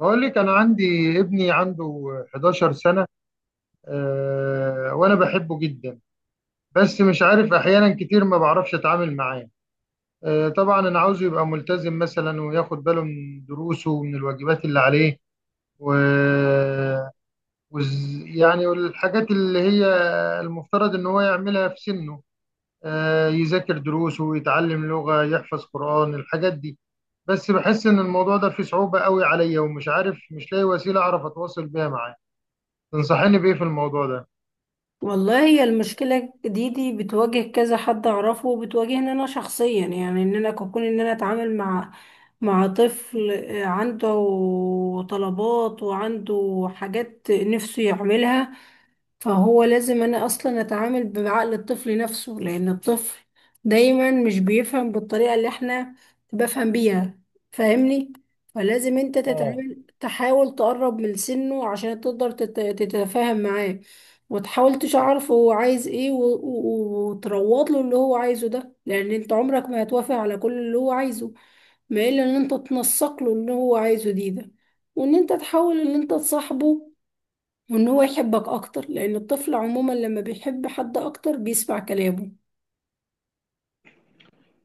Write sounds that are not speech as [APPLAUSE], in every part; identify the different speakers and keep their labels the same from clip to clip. Speaker 1: بقول لك انا عندي ابني عنده 11 سنة، وانا بحبه جدا. بس مش عارف احيانا كتير ما بعرفش اتعامل معاه. طبعا انا عاوزه يبقى ملتزم مثلا وياخد باله من دروسه ومن الواجبات اللي عليه و... يعني الحاجات اللي هي المفترض ان هو يعملها في سنه، يذاكر دروسه ويتعلم لغة يحفظ قرآن الحاجات دي. بس بحس ان الموضوع ده فيه صعوبة قوي عليا ومش عارف، مش لاقي وسيلة اعرف اتواصل بيها معاه. تنصحني بإيه في الموضوع ده؟
Speaker 2: والله هي المشكلة دي بتواجه كذا حد أعرفه وبتواجهني أنا شخصيا، يعني إن أنا كون إن أنا أتعامل مع طفل، عنده طلبات وعنده حاجات نفسه يعملها. فهو لازم انا اصلا اتعامل بعقل الطفل نفسه، لان الطفل دايما مش بيفهم بالطريقة اللي احنا بفهم بيها. فاهمني؟ فلازم انت
Speaker 1: اه.
Speaker 2: تتعامل، تحاول تقرب من سنه عشان تقدر تتفاهم معاه. وتحاول تشعرف هو عايز ايه، وتروض له اللي هو عايزه ده، لان انت عمرك ما هتوافق على كل اللي هو عايزه. ما الا ان انت تنسق له اللي هو عايزه ده، وان انت تحاول ان انت تصاحبه، وان هو يحبك اكتر، لان الطفل عموما لما بيحب حد اكتر بيسمع كلامه.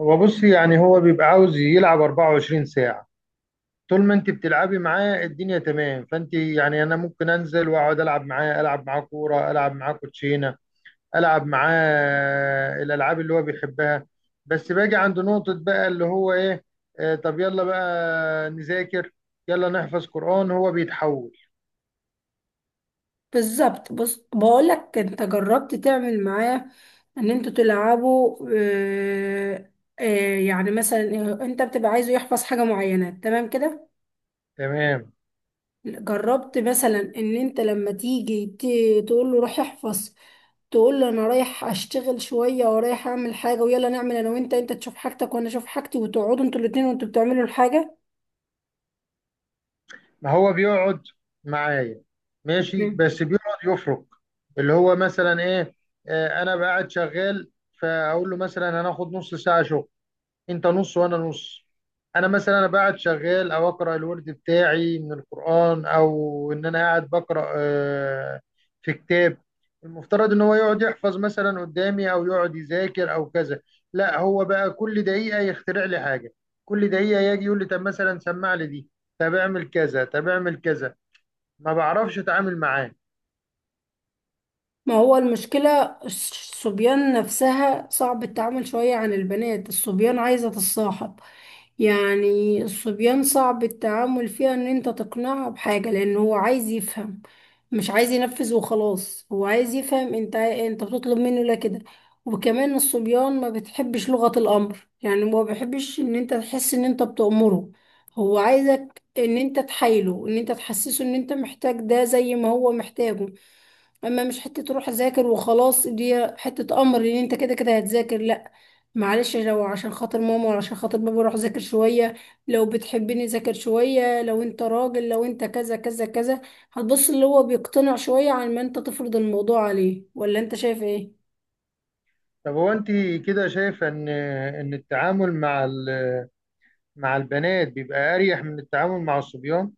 Speaker 1: هو بص يعني هو بيبقى عاوز يلعب 24 ساعة. طول ما انت بتلعبي معاه الدنيا تمام، فانت يعني انا ممكن انزل واقعد العب معاه، العب معاه كورة، العب معاه كوتشينة، العب معاه الالعاب اللي هو بيحبها. بس باجي عند نقطة بقى اللي هو ايه، طب يلا بقى نذاكر، يلا نحفظ قرآن، هو بيتحول.
Speaker 2: بالظبط. بص بقولك، انت جربت تعمل معاه ان انتوا تلعبوا؟ آه، آه، يعني مثلا انت بتبقى عايزه يحفظ حاجة معينة، تمام كده؟
Speaker 1: تمام.
Speaker 2: جربت مثلا ان انت لما تيجي تقول له روح احفظ، تقول له انا رايح اشتغل شوية ورايح اعمل حاجة، ويلا نعمل انا وانت، انت تشوف حاجتك وانا اشوف حاجتي، وتقعدوا انتوا الاتنين وانتوا بتعملوا الحاجة.
Speaker 1: ما هو بيقعد معايا، ماشي، بس بيقعد يفرق اللي هو مثلا ايه. انا بقعد شغال، فاقول له مثلا هناخد نص ساعه شغل، انت نص وانا نص. انا مثلا انا قاعد شغال او اقرا الورد بتاعي من القران، او ان انا قاعد بقرا، في كتاب المفترض ان هو يقعد يحفظ مثلا قدامي، او يقعد يذاكر، او كذا. لا هو بقى كل دقيقه يخترع لي حاجه، كل دقيقه يجي يقول لي طب مثلا سمع لي دي، طب اعمل كذا، طب اعمل كذا. ما بعرفش اتعامل معاه.
Speaker 2: ما هو المشكلة الصبيان نفسها صعب التعامل شوية عن البنات. الصبيان عايزة تتصاحب، يعني الصبيان صعب التعامل فيها ان انت تقنعه بحاجة، لان هو عايز يفهم، مش عايز ينفذ وخلاص. هو عايز يفهم انت بتطلب منه لا كده. وكمان الصبيان ما بتحبش لغة الامر، يعني ما بيحبش ان انت تحس ان انت بتأمره. هو عايزك ان انت تحايله، ان انت تحسسه ان انت محتاج ده زي ما هو محتاجه. اما مش حته تروح اذاكر وخلاص، دي حته امر ان انت كده كده هتذاكر، لا. معلش لو عشان خاطر ماما ولا عشان خاطر بابا روح ذاكر شويه، لو بتحبني ذاكر شويه، لو انت راجل، لو انت كذا كذا كذا. هتبص اللي هو بيقتنع شويه عن ما انت تفرض الموضوع عليه، ولا انت شايف ايه؟
Speaker 1: طب هو انت كده شايفه ان التعامل مع مع البنات بيبقى اريح من التعامل مع الصبيان؟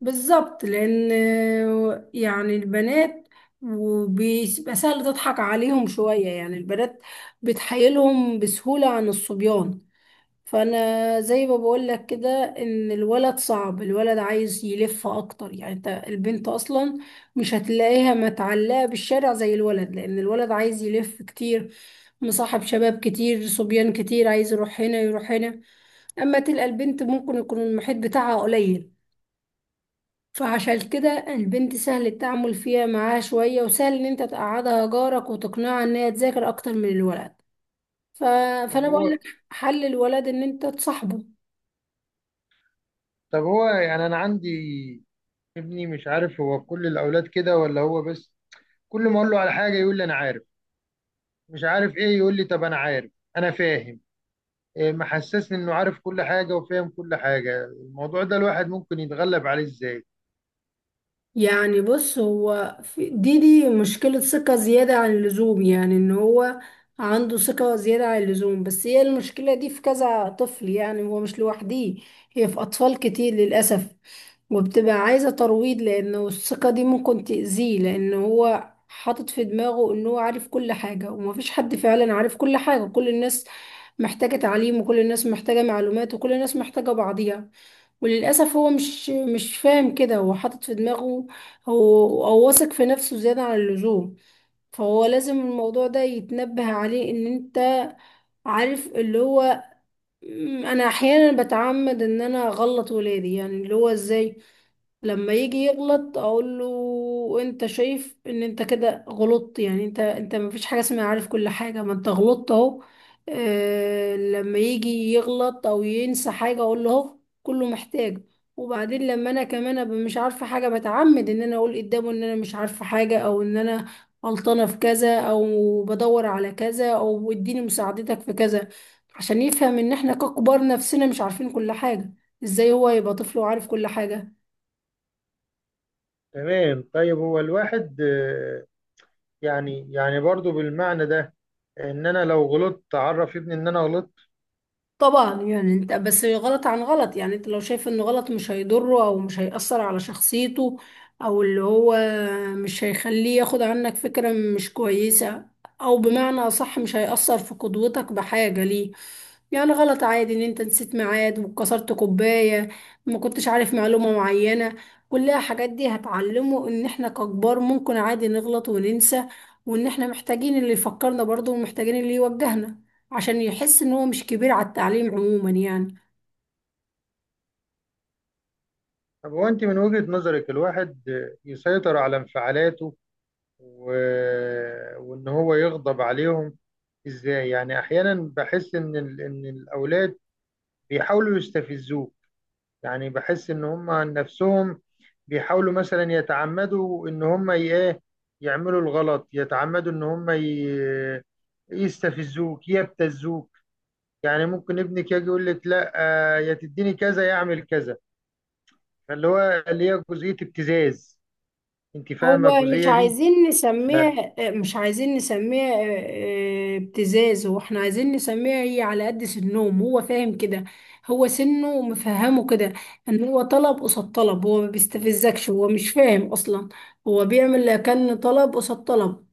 Speaker 2: بالظبط، لان يعني البنات وبيبقى سهل تضحك عليهم شويه. يعني البنات بتحايلهم بسهوله عن الصبيان. فانا زي ما بقول لك كده، ان الولد صعب. الولد عايز يلف اكتر، يعني انت البنت اصلا مش هتلاقيها متعلقه بالشارع زي الولد، لان الولد عايز يلف كتير، مصاحب شباب كتير، صبيان كتير، عايز يروح هنا يروح هنا. اما تلقى البنت ممكن يكون المحيط بتاعها قليل، فعشان كده البنت سهل التعامل فيها معاها شويه، وسهل ان انت تقعدها جارك وتقنعها ان هي تذاكر اكتر من الولد. ف...
Speaker 1: طب
Speaker 2: فانا بقول
Speaker 1: هو
Speaker 2: لك، حل الولد ان انت تصاحبه.
Speaker 1: طب هو يعني انا عندي ابني مش عارف هو كل الاولاد كده ولا هو بس. كل ما اقول له على حاجه يقول لي انا عارف، مش عارف ايه يقول لي طب انا عارف، انا فاهم. إيه محسسني انه عارف كل حاجه وفاهم كل حاجه؟ الموضوع ده الواحد ممكن يتغلب عليه ازاي؟
Speaker 2: يعني بص، هو دي مشكلة ثقة زيادة عن اللزوم، يعني ان هو عنده ثقة زيادة عن اللزوم. بس هي المشكلة دي في كذا طفل، يعني هو مش لوحديه، هي في أطفال كتير للأسف. وبتبقى عايزة ترويض، لأنه الثقة دي ممكن تأذيه، لأن هو حاطط في دماغه إن هو عارف كل حاجة، ومفيش حد فعلا عارف كل حاجة. كل الناس محتاجة تعليم، وكل الناس محتاجة معلومات، وكل الناس محتاجة بعضيها. وللأسف هو مش فاهم كده، هو حاطط في دماغه هو أو واثق في نفسه زيادة عن اللزوم. فهو لازم الموضوع ده يتنبه عليه. إن أنت عارف اللي هو، أنا أحيانا بتعمد إن أنا أغلط ولادي، يعني اللي هو إزاي؟ لما يجي يغلط اقول له انت شايف ان انت كده غلطت؟ يعني انت ما فيش حاجه اسمها عارف كل حاجه، ما انت غلطت اهو. آه، لما يجي يغلط او ينسى حاجه اقول له اهو، كله محتاج. وبعدين لما انا كمان ابقى مش عارفه حاجه، بتعمد ان انا اقول قدامه ان انا مش عارفه حاجه، او ان انا غلطانه في كذا، او بدور على كذا، او اديني مساعدتك في كذا، عشان يفهم ان احنا ككبار نفسنا مش عارفين كل حاجه، ازاي هو يبقى طفل وعارف كل حاجه؟
Speaker 1: تمام طيب، هو الواحد، يعني برضو بالمعنى ده، ان انا لو غلطت اعرف ابني ان انا غلطت؟
Speaker 2: طبعا، يعني انت بس غلط عن غلط. يعني انت لو شايف انه غلط مش هيضره او مش هيأثر على شخصيته، او اللي هو مش هيخليه ياخد عنك فكرة مش كويسة، او بمعنى اصح مش هيأثر في قدوتك بحاجة ليه. يعني غلط عادي ان انت نسيت ميعاد، وكسرت كوباية، ما كنتش عارف معلومة معينة. كلها حاجات دي هتعلمه ان احنا ككبار ممكن عادي نغلط وننسى، وان احنا محتاجين اللي يفكرنا برضه، ومحتاجين اللي يوجهنا، عشان يحس ان هو مش كبير على التعليم عموما يعني.
Speaker 1: طب هو انت من وجهة نظرك الواحد، يسيطر على انفعالاته و... وان هو يغضب عليهم ازاي؟ يعني احيانا بحس ان ان الاولاد بيحاولوا يستفزوه. يعني بحس ان هم عن نفسهم بيحاولوا مثلا يتعمدوا ان هم ايه، يعملوا الغلط، يتعمدوا ان هم يستفزوك يبتزوك. يعني ممكن ابنك يجي يقول لك لا، يا تديني كذا يعمل كذا. فاللي هو اللي هي جزئية ابتزاز. انت
Speaker 2: هو
Speaker 1: فاهمة
Speaker 2: مش
Speaker 1: الجزئية دي؟
Speaker 2: عايزين
Speaker 1: ف...
Speaker 2: نسميها مش عايزين نسميها ابتزاز، واحنا عايزين نسميها هي على قد سنهم. هو فاهم كده، هو سنه مفهمه كده. ان هو طلب قصاد طلب. هو ما بيستفزكش، هو مش فاهم اصلا. هو بيعمل كأن طلب قصاد طلب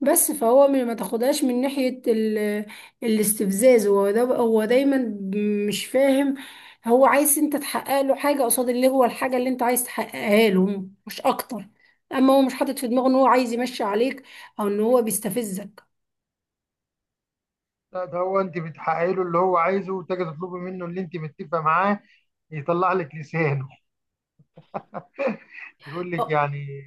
Speaker 2: بس. فهو ما تاخدهاش من ناحية الاستفزاز. هو ده، هو دايما مش فاهم. هو عايز انت تحقق له حاجة قصاد اللي هو الحاجة اللي انت عايز تحققها له، مش اكتر. اما هو مش حاطط في دماغه ان هو عايز يمشي عليك، او ان هو بيستفزك.
Speaker 1: لا ده هو انت بتحققي له اللي هو عايزه، وتجي تطلبي منه اللي انت متفقه معاه، يطلع لك لسانه [LAUGHS] يقول لك يعني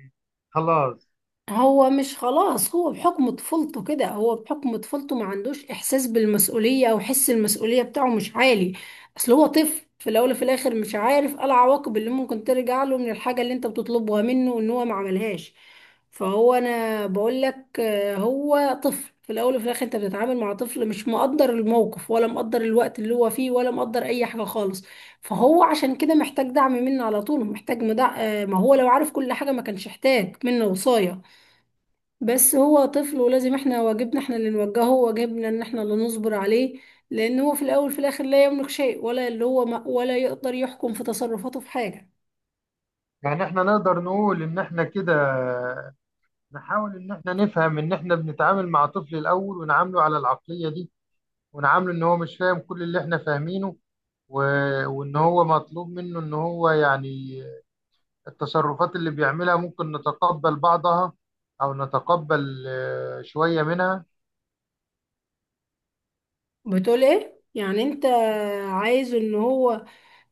Speaker 1: خلاص.
Speaker 2: هو مش خلاص، هو بحكم طفولته كده، هو بحكم طفولته ما عندوش احساس بالمسؤولية، او حس المسؤولية بتاعه مش عالي. اصل هو طفل في الاول وفي الاخر، مش عارف ايه العواقب اللي ممكن ترجع له من الحاجة اللي انت بتطلبها منه ان هو ما عملهاش. فهو انا بقول لك، هو طفل في الاول وفي الاخر. انت بتتعامل مع طفل مش مقدر الموقف، ولا مقدر الوقت اللي هو فيه، ولا مقدر اي حاجة خالص. فهو عشان كده محتاج دعم منه على طول، محتاج مدع... آه، ما هو لو عارف كل حاجة ما كانش احتاج منه وصاية. بس هو طفل، ولازم احنا واجبنا احنا اللي نوجهه، وواجبنا ان احنا اللي نصبر عليه، لان هو في الاول في الاخر لا يملك شيء، ولا اللي هو ما ولا يقدر يحكم في تصرفاته في حاجة.
Speaker 1: يعني احنا نقدر نقول ان احنا كده نحاول ان احنا نفهم ان احنا بنتعامل مع طفل الاول، ونعامله على العقلية دي، ونعامله ان هو مش فاهم كل اللي احنا فاهمينه و... وان هو مطلوب منه ان هو يعني، التصرفات اللي بيعملها ممكن نتقبل بعضها، او نتقبل شوية منها.
Speaker 2: بتقول ايه يعني؟ انت عايز ان هو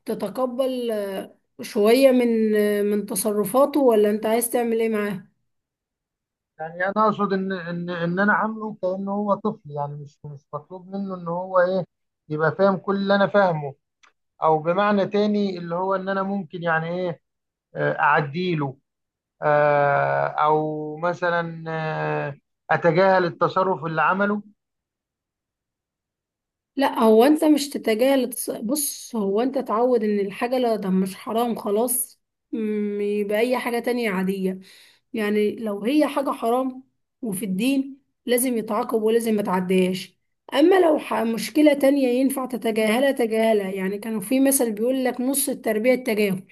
Speaker 2: تتقبل شوية من من تصرفاته، ولا انت عايز تعمل ايه معاه؟
Speaker 1: يعني انا اقصد ان انا عامله كانه هو طفل، يعني مش مطلوب منه ان هو ايه، يبقى فاهم كل اللي انا فاهمه. او بمعنى تاني اللي هو ان انا ممكن يعني ايه، اعديله، او مثلا اتجاهل التصرف اللي عمله.
Speaker 2: لا هو انت مش تتجاهل بص، هو انت تعود ان الحاجة لا، ده مش حرام خلاص، يبقى اي حاجة تانية عادية. يعني لو هي حاجة حرام وفي الدين لازم يتعاقب، ولازم ما تعديهاش. اما لو مشكلة تانية ينفع تتجاهلها، تجاهلها. يعني كانوا في مثل بيقول لك، نص التربية التجاهل.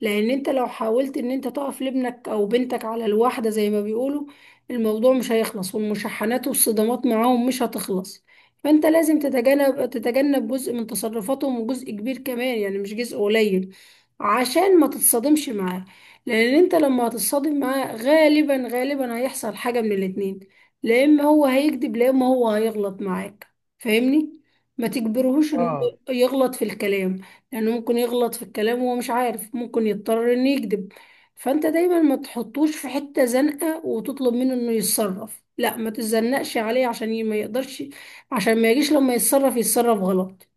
Speaker 2: لان انت لو حاولت ان انت تقف لابنك او بنتك على الواحدة زي ما بيقولوا، الموضوع مش هيخلص، والمشاحنات والصدامات معاهم مش هتخلص. فانت لازم تتجنب جزء من تصرفاتهم، وجزء كبير كمان يعني، مش جزء قليل، عشان ما تتصادمش معاه. لان انت لما هتتصادم معاه غالبا غالبا هيحصل حاجة من الاتنين، لا اما هو هيكذب، لا اما هو هيغلط معاك. فاهمني؟ ما تجبرهوش انه
Speaker 1: اه،
Speaker 2: يغلط في الكلام، لأنه ممكن يغلط في الكلام وهو مش عارف، ممكن يضطر إنه يكذب. فأنت دايما ما تحطوش في حتة زنقة وتطلب منه إنه يتصرف، لا، ما تتزنقش عليه عشان ما يقدرش، عشان ما يجيش لما يتصرف يتصرف غلط.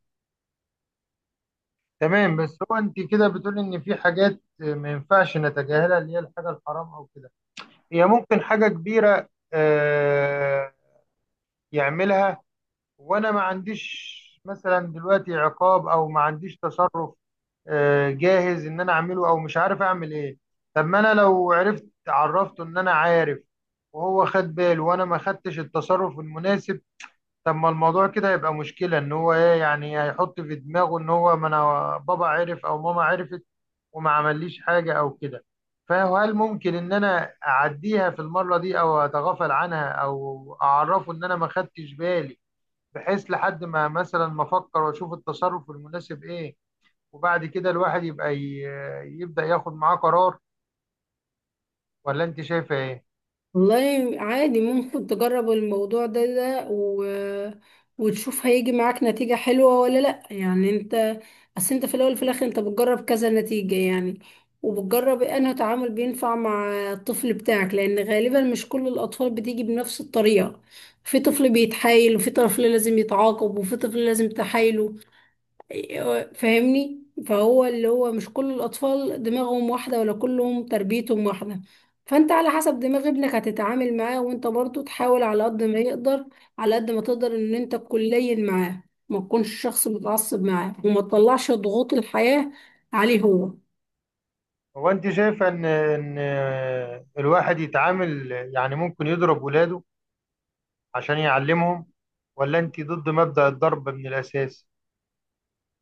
Speaker 1: تمام. بس هو انت كده بتقول ان في حاجات، ما ينفعش نتجاهلها اللي هي الحاجه الحرام او كده. هي ممكن حاجه كبيره يعملها، وانا ما عنديش مثلا دلوقتي عقاب، او ما عنديش تصرف جاهز ان انا اعمله، او مش عارف اعمل ايه. طب ما انا لو عرفت عرفته ان انا عارف، وهو خد باله وانا ما خدتش التصرف المناسب. طب ما الموضوع كده هيبقى مشكلة، ان هو ايه يعني، هيحط في دماغه ان هو ما انا بابا عرف او ماما عرفت وما عمليش حاجة او كده. فهل ممكن ان انا اعديها في المرة دي او اتغافل عنها، او اعرفه ان انا ما خدتش بالي، بحيث لحد ما مثلا ما افكر واشوف التصرف المناسب ايه، وبعد كده الواحد يبقى يبدأ ياخد معاه قرار؟ ولا انت شايفه ايه؟
Speaker 2: والله عادي ممكن تجرب الموضوع ده وتشوف هيجي معاك نتيجة حلوة ولا لأ. يعني انت اصل انت في الأول وفي الآخر انت بتجرب كذا نتيجة، يعني وبتجرب إيه، انه تعامل بينفع مع الطفل بتاعك، لأن غالبا مش كل الأطفال بتيجي بنفس الطريقة. في طفل بيتحايل، وفي طفل لازم يتعاقب، وفي طفل لازم تحايله. أيوة، فاهمني؟ فهو اللي هو مش كل الأطفال دماغهم واحدة، ولا كلهم تربيتهم واحدة. فأنت على حسب دماغ ابنك هتتعامل معاه. وأنت برضو تحاول على قد ما يقدر، على قد ما تقدر إن أنت تكون لين معاه، ما تكونش شخص متعصب معاه، وما تطلعش ضغوط الحياة عليه هو.
Speaker 1: هو انت شايفه ان الواحد يتعامل يعني ممكن يضرب ولاده عشان يعلمهم؟ ولا انت ضد مبدأ الضرب من الاساس؟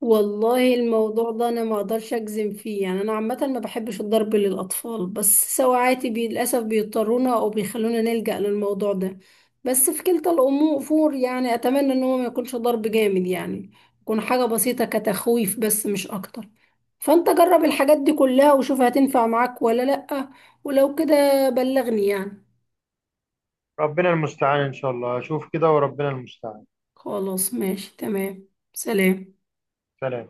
Speaker 2: والله الموضوع ده انا ما اقدرش اجزم فيه. يعني انا عامه ما بحبش الضرب للاطفال، بس سواعاتي للاسف بيضطرونا او بيخلونا نلجأ للموضوع ده. بس في كلتا الامور، يعني اتمنى ان هو ما يكونش ضرب جامد، يعني يكون حاجه بسيطه كتخويف بس، مش اكتر. فانت جرب الحاجات دي كلها وشوف هتنفع معاك ولا لأ، ولو كده بلغني يعني.
Speaker 1: ربنا المستعان ان شاء الله اشوف كده وربنا المستعان.
Speaker 2: خلاص، ماشي، تمام. سلام.
Speaker 1: سلام.